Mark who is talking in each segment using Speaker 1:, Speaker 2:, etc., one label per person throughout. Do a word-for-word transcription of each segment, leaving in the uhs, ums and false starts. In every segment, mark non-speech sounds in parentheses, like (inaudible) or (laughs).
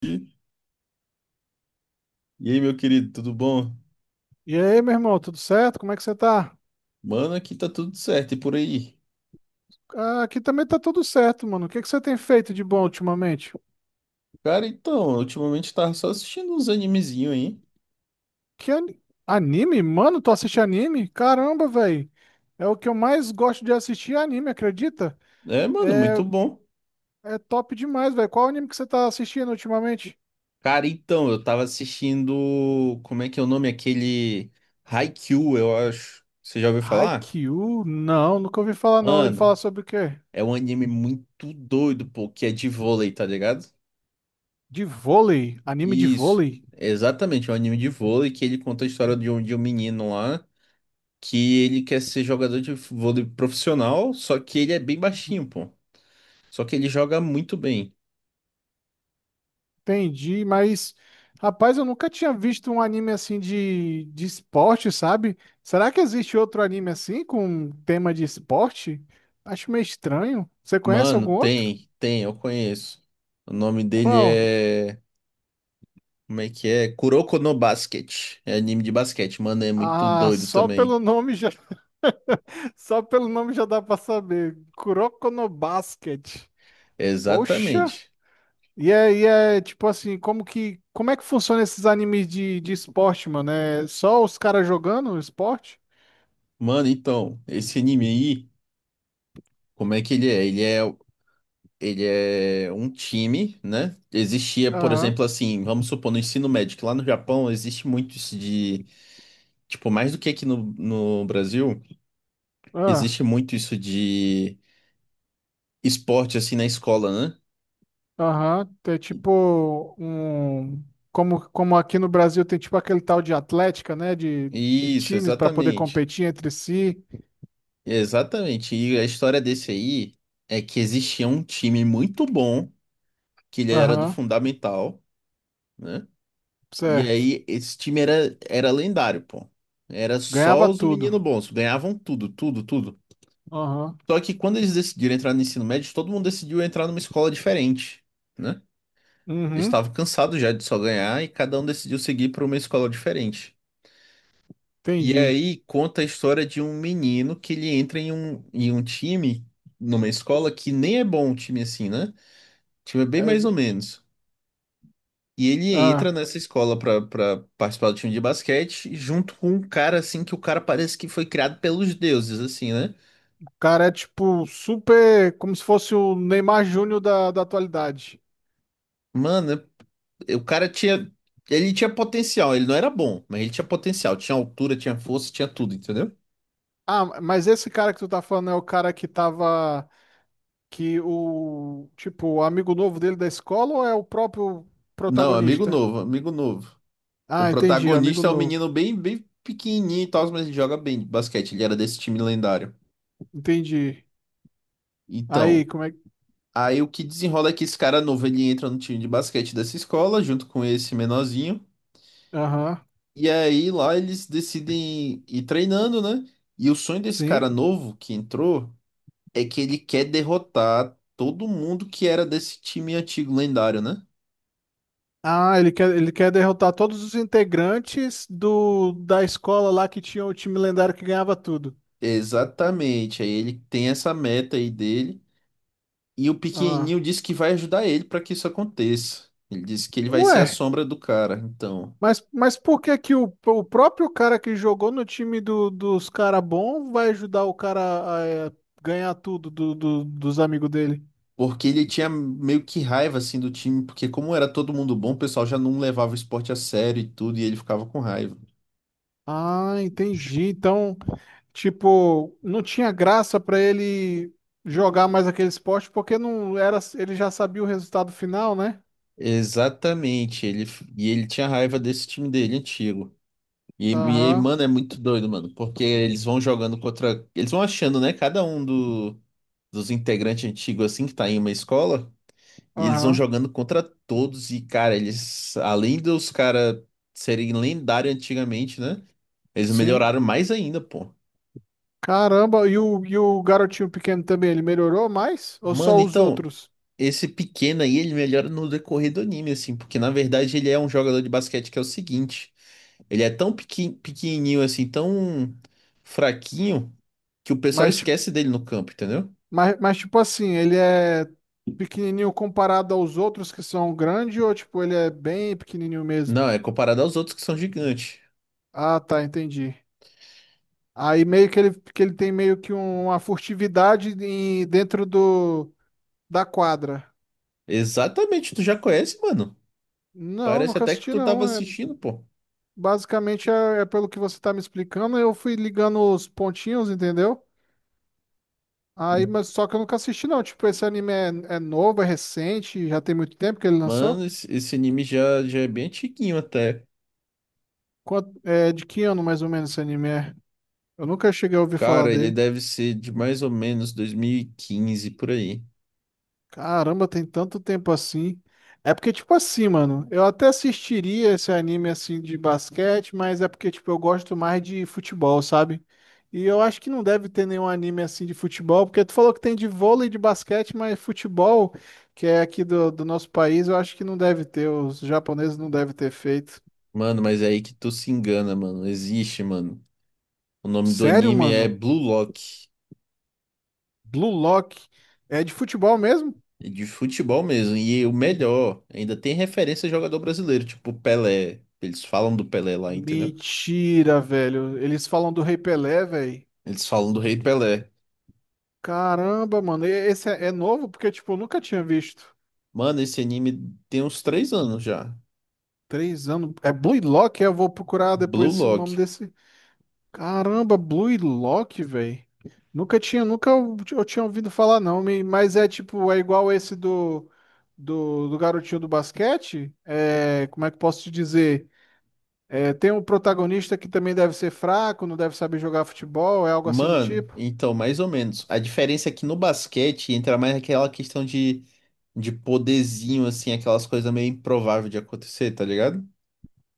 Speaker 1: E aí, meu querido, tudo bom?
Speaker 2: E aí, meu irmão, tudo certo? Como é que você tá?
Speaker 1: Mano, aqui tá tudo certo e por aí.
Speaker 2: Ah, aqui também tá tudo certo, mano. O que que você tem feito de bom ultimamente?
Speaker 1: Cara, então, ultimamente eu tava só assistindo uns animezinhos aí.
Speaker 2: Que ani- anime? Mano, tu assiste anime? Caramba, velho. É o que eu mais gosto de assistir, é anime, acredita?
Speaker 1: É, mano, muito bom.
Speaker 2: É top demais, velho. Qual anime que você tá assistindo ultimamente?
Speaker 1: Cara, então, eu tava assistindo. Como é que é o nome? Aquele Haikyuu, eu acho. Você já ouviu falar?
Speaker 2: Haikyuu? Não, nunca ouvi falar não. Ele fala
Speaker 1: Mano,
Speaker 2: sobre o quê?
Speaker 1: é um anime muito doido, pô, que é de vôlei, tá ligado?
Speaker 2: De vôlei? Anime de
Speaker 1: Isso,
Speaker 2: vôlei?
Speaker 1: exatamente, é um anime de vôlei que ele conta a história de um, de um menino lá que ele quer ser jogador de vôlei profissional, só que ele é bem baixinho, pô. Só que ele joga muito bem.
Speaker 2: Entendi, mas rapaz, eu nunca tinha visto um anime assim de, de esporte, sabe? Será que existe outro anime assim com um tema de esporte? Acho meio estranho. Você conhece
Speaker 1: Mano,
Speaker 2: algum outro?
Speaker 1: tem, tem, eu conheço. O nome dele
Speaker 2: Qual?
Speaker 1: é. Como é que é? Kuroko no Basket. É anime de basquete. Mano, é muito
Speaker 2: Ah,
Speaker 1: doido
Speaker 2: só
Speaker 1: também.
Speaker 2: pelo nome já, (laughs) só pelo nome já dá pra saber. Kuroko no Basket. Poxa!
Speaker 1: Exatamente.
Speaker 2: E é, e é tipo assim, como que, como é que funciona esses animes de, de esporte, mano? É só os caras jogando esporte?
Speaker 1: Mano, então, esse anime aí, como é que ele é? Ele é, ele é um time, né? Existia, por
Speaker 2: Aham.
Speaker 1: exemplo, assim, vamos supor, no ensino médio, que lá no Japão existe muito isso de. Tipo, mais do que aqui no, no Brasil,
Speaker 2: Ah.
Speaker 1: existe muito isso de esporte, assim, na escola, né?
Speaker 2: Aham, é tipo um. Como, como aqui no Brasil tem tipo aquele tal de Atlética, né? De, de
Speaker 1: Isso,
Speaker 2: times para poder
Speaker 1: exatamente.
Speaker 2: competir entre si.
Speaker 1: Exatamente. E a história desse aí é que existia um time muito bom, que ele era do
Speaker 2: Aham,
Speaker 1: Fundamental, né? E
Speaker 2: certo.
Speaker 1: aí esse time era, era lendário, pô. Era só
Speaker 2: Ganhava
Speaker 1: os
Speaker 2: tudo.
Speaker 1: meninos bons, ganhavam tudo, tudo, tudo.
Speaker 2: Aham,
Speaker 1: Só que quando eles decidiram entrar no ensino médio, todo mundo decidiu entrar numa escola diferente, né? Eles
Speaker 2: uhum,
Speaker 1: estavam cansados já de só ganhar e cada um decidiu seguir para uma escola diferente. E
Speaker 2: entendi.
Speaker 1: aí conta a história de um menino que ele entra em um, em um time, numa escola que nem é bom um time assim, né? O time é bem
Speaker 2: É,
Speaker 1: mais ou menos. E ele entra
Speaker 2: ah,
Speaker 1: nessa escola pra, pra participar do time de basquete, junto com um cara assim, que o cara parece que foi criado pelos deuses, assim, né?
Speaker 2: o cara é tipo super. Como se fosse o Neymar Júnior da, da atualidade.
Speaker 1: Mano, é- o cara tinha. Ele tinha potencial, ele não era bom, mas ele tinha potencial, tinha altura, tinha força, tinha tudo, entendeu?
Speaker 2: Ah, mas esse cara que tu tá falando é o cara que tava. Que o. Tipo, o amigo novo dele da escola ou é o próprio
Speaker 1: Não, amigo
Speaker 2: protagonista?
Speaker 1: novo, amigo novo. O
Speaker 2: Ah, entendi, amigo
Speaker 1: protagonista é um
Speaker 2: novo.
Speaker 1: menino bem, bem pequenininho e tal, mas ele joga bem de basquete. Ele era desse time lendário.
Speaker 2: Entendi. Aí,
Speaker 1: Então,
Speaker 2: como é que.
Speaker 1: aí o que desenrola é que esse cara novo, ele entra no time de basquete dessa escola, junto com esse menorzinho.
Speaker 2: Aham,
Speaker 1: E aí lá eles decidem ir treinando, né? E o sonho desse cara
Speaker 2: sim.
Speaker 1: novo que entrou é que ele quer derrotar todo mundo que era desse time antigo lendário, né?
Speaker 2: Ah, ele quer, ele quer derrotar todos os integrantes do da escola lá que tinha o time lendário que ganhava tudo.
Speaker 1: Exatamente. Aí ele tem essa meta aí dele. E o
Speaker 2: Ah.
Speaker 1: pequenininho disse que vai ajudar ele para que isso aconteça. Ele disse que ele vai
Speaker 2: Ué,
Speaker 1: ser a sombra do cara, então.
Speaker 2: mas, mas por que que o, o próprio cara que jogou no time do- dos cara bom vai ajudar o cara a, eh, ganhar tudo do- do- dos amigos dele?
Speaker 1: Porque ele tinha meio que raiva assim do time, porque como era todo mundo bom, o pessoal já não levava o esporte a sério e tudo, e ele ficava com raiva.
Speaker 2: Ah, entendi. Então. Tipo, não tinha graça pra ele jogar mais aquele esporte porque não era, ele já sabia o resultado final, né?
Speaker 1: Exatamente, ele e ele tinha raiva desse time dele antigo. E, e,
Speaker 2: Aham,
Speaker 1: mano, é muito doido, mano, porque eles vão jogando contra, eles vão achando, né, cada um do, dos integrantes antigos assim que tá em uma escola. E eles vão
Speaker 2: aham.
Speaker 1: jogando contra todos e, cara, eles, além dos caras serem lendários antigamente, né? Eles
Speaker 2: Sim.
Speaker 1: melhoraram mais ainda, pô.
Speaker 2: Caramba, e o, e o garotinho pequeno também, ele melhorou mais? Ou
Speaker 1: Mano,
Speaker 2: só os
Speaker 1: então,
Speaker 2: outros?
Speaker 1: esse pequeno aí, ele melhora no decorrer do anime, assim, porque na verdade ele é um jogador de basquete que é o seguinte: ele é tão pequen- pequenininho, assim, tão fraquinho, que o pessoal
Speaker 2: Mas, ti-
Speaker 1: esquece dele no campo, entendeu?
Speaker 2: mas, mas tipo assim, ele é pequenininho comparado aos outros que são grandes ou tipo, ele é bem pequenininho mesmo?
Speaker 1: Não, é comparado aos outros que são gigantes.
Speaker 2: Ah, tá, entendi. Aí meio que ele, que ele tem meio que um, uma furtividade em- dentro do, da quadra.
Speaker 1: Exatamente, tu já conhece, mano.
Speaker 2: Não,
Speaker 1: Parece
Speaker 2: nunca
Speaker 1: até que
Speaker 2: assisti
Speaker 1: tu tava
Speaker 2: não. É,
Speaker 1: assistindo, pô.
Speaker 2: basicamente é, é pelo que você tá me explicando, eu fui ligando os pontinhos, entendeu? Aí, mas só que eu nunca assisti não. Tipo, esse anime é, é novo, é recente, já tem muito tempo que ele lançou?
Speaker 1: Mano, esse esse anime já, já é bem antiguinho até.
Speaker 2: Quanto, é de que ano mais ou menos esse anime é? Eu nunca cheguei a ouvir falar
Speaker 1: Cara, ele
Speaker 2: dele.
Speaker 1: deve ser de mais ou menos dois mil e quinze por aí.
Speaker 2: Caramba, tem tanto tempo assim. É porque, tipo assim, mano, eu até assistiria esse anime assim de basquete, mas é porque, tipo, eu gosto mais de futebol, sabe? E eu acho que não deve ter nenhum anime assim de futebol, porque tu falou que tem de vôlei e de basquete, mas futebol, que é aqui do, do nosso país, eu acho que não deve ter. Os japoneses não devem ter feito.
Speaker 1: Mano, mas é aí que tu se engana, mano. Existe, mano. O nome do
Speaker 2: Sério,
Speaker 1: anime é
Speaker 2: mano?
Speaker 1: Blue Lock.
Speaker 2: Blue Lock é de futebol mesmo?
Speaker 1: É de futebol mesmo. E o melhor, ainda tem referência a jogador brasileiro, tipo Pelé. Eles falam do Pelé lá, entendeu?
Speaker 2: Mentira, velho. Eles falam do Rei Pelé, velho.
Speaker 1: Eles falam do Rei Pelé.
Speaker 2: Caramba, mano, e- esse é, é novo porque, tipo, eu nunca tinha visto.
Speaker 1: Mano, esse anime tem uns três anos já.
Speaker 2: Três anos. É Blue Lock? Eu vou procurar
Speaker 1: Blue
Speaker 2: depois esse- o nome
Speaker 1: Lock.
Speaker 2: desse. Caramba, Blue Lock, velho. Nunca tinha, nunca eu, eu tinha ouvido falar, não. me- Mas é tipo, é igual esse do, do, do garotinho do basquete. É, como é que eu posso te dizer? É, tem um protagonista que também deve ser fraco, não deve saber jogar futebol, é algo assim do
Speaker 1: Mano,
Speaker 2: tipo.
Speaker 1: então, mais ou menos. A diferença é que no basquete entra mais aquela questão de, de poderzinho, assim, aquelas coisas meio improváveis de acontecer, tá ligado?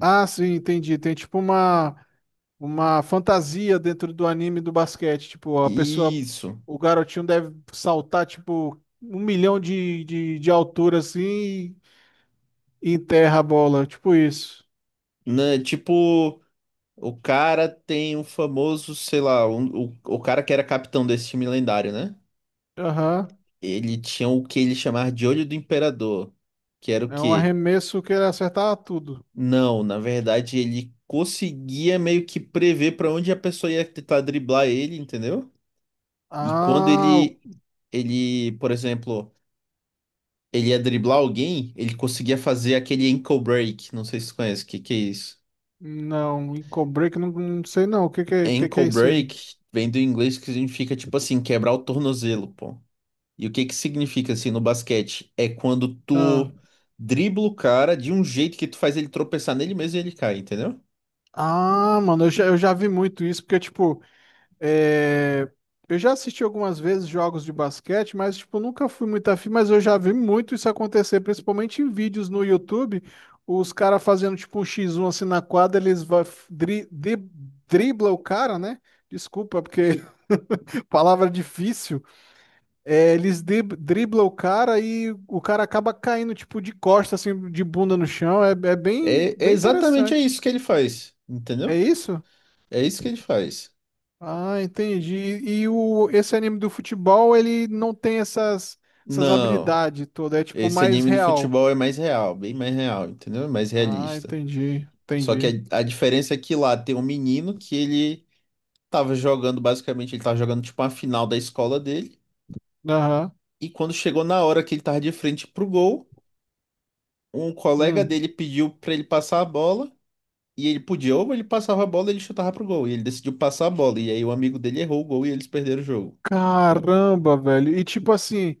Speaker 2: Ah, sim, entendi. Tem tipo uma. uma fantasia dentro do anime do basquete. Tipo, a pessoa,
Speaker 1: Isso.
Speaker 2: o garotinho deve saltar, tipo, um milhão de, de, de altura assim e enterra a bola. Tipo isso.
Speaker 1: Né? Tipo, o cara tem um famoso, sei lá, um- o, o cara que era capitão desse time lendário, né?
Speaker 2: Aham.
Speaker 1: Ele tinha o que ele chamava de olho do imperador, que era o
Speaker 2: É um
Speaker 1: quê?
Speaker 2: arremesso que ele acertar tudo.
Speaker 1: Não, na verdade ele conseguia meio que prever pra onde a pessoa ia tentar driblar ele, entendeu? E quando
Speaker 2: Ah, o-
Speaker 1: ele, ele, por exemplo, ele ia driblar alguém, ele conseguia fazer aquele ankle break. Não sei se você conhece, o que que é isso?
Speaker 2: não. Em Break, não, não sei não. O que que, é- que que
Speaker 1: Ankle
Speaker 2: é isso aí?
Speaker 1: break vem do inglês que significa, tipo assim, quebrar o tornozelo, pô. E o que que significa, assim, no basquete? É quando
Speaker 2: Ah,
Speaker 1: tu dribla o cara de um jeito que tu faz ele tropeçar nele mesmo e ele cai, entendeu?
Speaker 2: ah, mano, eu já, eu já vi muito isso, porque, tipo. É, eu já assisti algumas vezes jogos de basquete, mas tipo, nunca fui muito afim, mas eu já vi muito isso acontecer, principalmente em vídeos no YouTube, os caras fazendo tipo um xis um assim na quadra, eles vai, dri, dri- dribla o cara, né? Desculpa, porque (laughs) palavra difícil. É, eles dri, dribla o cara e o cara acaba caindo tipo de costa assim, de bunda no chão. É, é bem,
Speaker 1: É, é
Speaker 2: bem
Speaker 1: exatamente é
Speaker 2: interessante.
Speaker 1: isso que ele faz,
Speaker 2: É
Speaker 1: entendeu?
Speaker 2: isso?
Speaker 1: É isso que ele faz.
Speaker 2: Ah, entendi. E o, esse anime do futebol, ele não tem essas, essas
Speaker 1: Não,
Speaker 2: habilidades todas, é tipo
Speaker 1: esse
Speaker 2: mais
Speaker 1: anime do
Speaker 2: real.
Speaker 1: futebol é mais real, bem mais real, entendeu? É mais
Speaker 2: Ah,
Speaker 1: realista.
Speaker 2: entendi,
Speaker 1: Só que
Speaker 2: entendi.
Speaker 1: a, a diferença é que lá tem um menino que ele tava jogando, basicamente, ele tava jogando tipo uma final da escola dele.
Speaker 2: Aham.
Speaker 1: E quando chegou na hora que ele tava de frente pro gol, um colega
Speaker 2: Hum.
Speaker 1: dele pediu pra ele passar a bola. E ele podia, ou ele passava a bola e ele chutava pro gol. E ele decidiu passar a bola. E aí o amigo dele errou o gol e eles perderam o jogo. Entendeu?
Speaker 2: Caramba, velho. E tipo assim,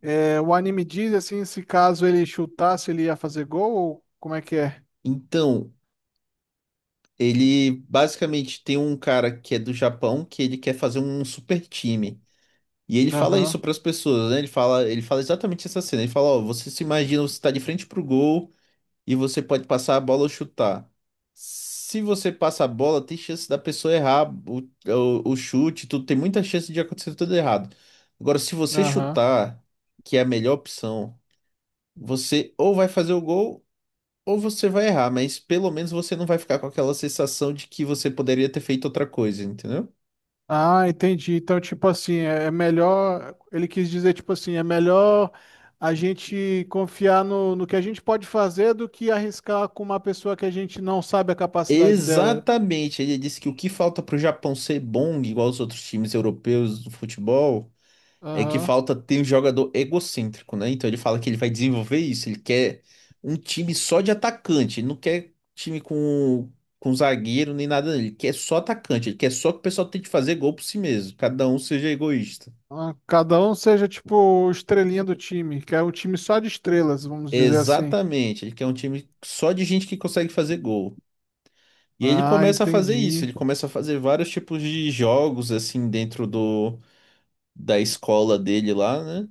Speaker 2: é, o anime diz assim, se caso ele chutasse, ele ia fazer gol, ou como é que é?
Speaker 1: Então, ele basicamente tem um cara que é do Japão que ele quer fazer um super time. E ele fala
Speaker 2: Aham,
Speaker 1: isso para as pessoas, né? Ele fala, ele fala exatamente essa cena. Ele fala, ó, você se imagina, você está de frente pro gol e você pode passar a bola ou chutar. Se você passa a bola, tem chance da pessoa errar o, o, o chute, tudo, tem muita chance de acontecer tudo errado. Agora, se você
Speaker 2: aham.
Speaker 1: chutar, que é a melhor opção, você ou vai fazer o gol ou você vai errar, mas pelo menos você não vai ficar com aquela sensação de que você poderia ter feito outra coisa, entendeu?
Speaker 2: Ah, entendi. Então, tipo assim, é é melhor. Ele quis dizer, tipo assim, é melhor a gente confiar no, no que a gente pode fazer do que arriscar com uma pessoa que a gente não sabe a capacidade dela.
Speaker 1: Exatamente, ele disse que o que falta para o Japão ser bom, igual os outros times europeus do futebol, é que
Speaker 2: Aham.
Speaker 1: falta ter um jogador egocêntrico, né? Então ele fala que ele vai desenvolver isso, ele quer um time só de atacante, ele não quer time com, com zagueiro nem nada, ele quer só atacante, ele quer só que o pessoal tente fazer gol por si mesmo, cada um seja egoísta.
Speaker 2: Ah, cada um seja, tipo, o estrelinha do time, que é um time só de estrelas, vamos dizer assim.
Speaker 1: Exatamente, ele quer um time só de gente que consegue fazer gol. E aí ele
Speaker 2: Ah,
Speaker 1: começa a fazer isso,
Speaker 2: entendi.
Speaker 1: ele começa a fazer vários tipos de jogos assim dentro do da escola dele lá, né?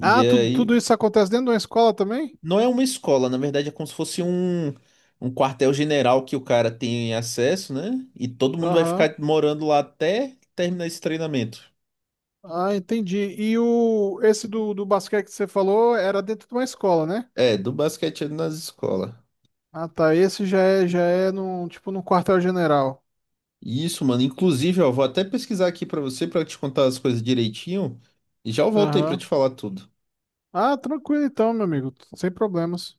Speaker 1: E
Speaker 2: Ah, tudo,
Speaker 1: aí,
Speaker 2: tudo isso acontece dentro de uma escola também?
Speaker 1: não é uma escola, na verdade é como se fosse um, um quartel-general que o cara tem acesso, né? E todo mundo vai
Speaker 2: Aham.
Speaker 1: ficar morando lá até terminar esse treinamento.
Speaker 2: Ah, entendi. E o, esse do, do basquete que você falou era dentro de uma escola, né?
Speaker 1: É, do basquete nas escolas.
Speaker 2: Ah, tá. Esse já é, já é no, tipo, no quartel-general.
Speaker 1: Isso, mano. Inclusive, ó, vou até pesquisar aqui pra você pra te contar as coisas direitinho e já eu volto aí pra te
Speaker 2: Aham.
Speaker 1: falar tudo.
Speaker 2: Ah, tranquilo então, meu amigo. Sem problemas.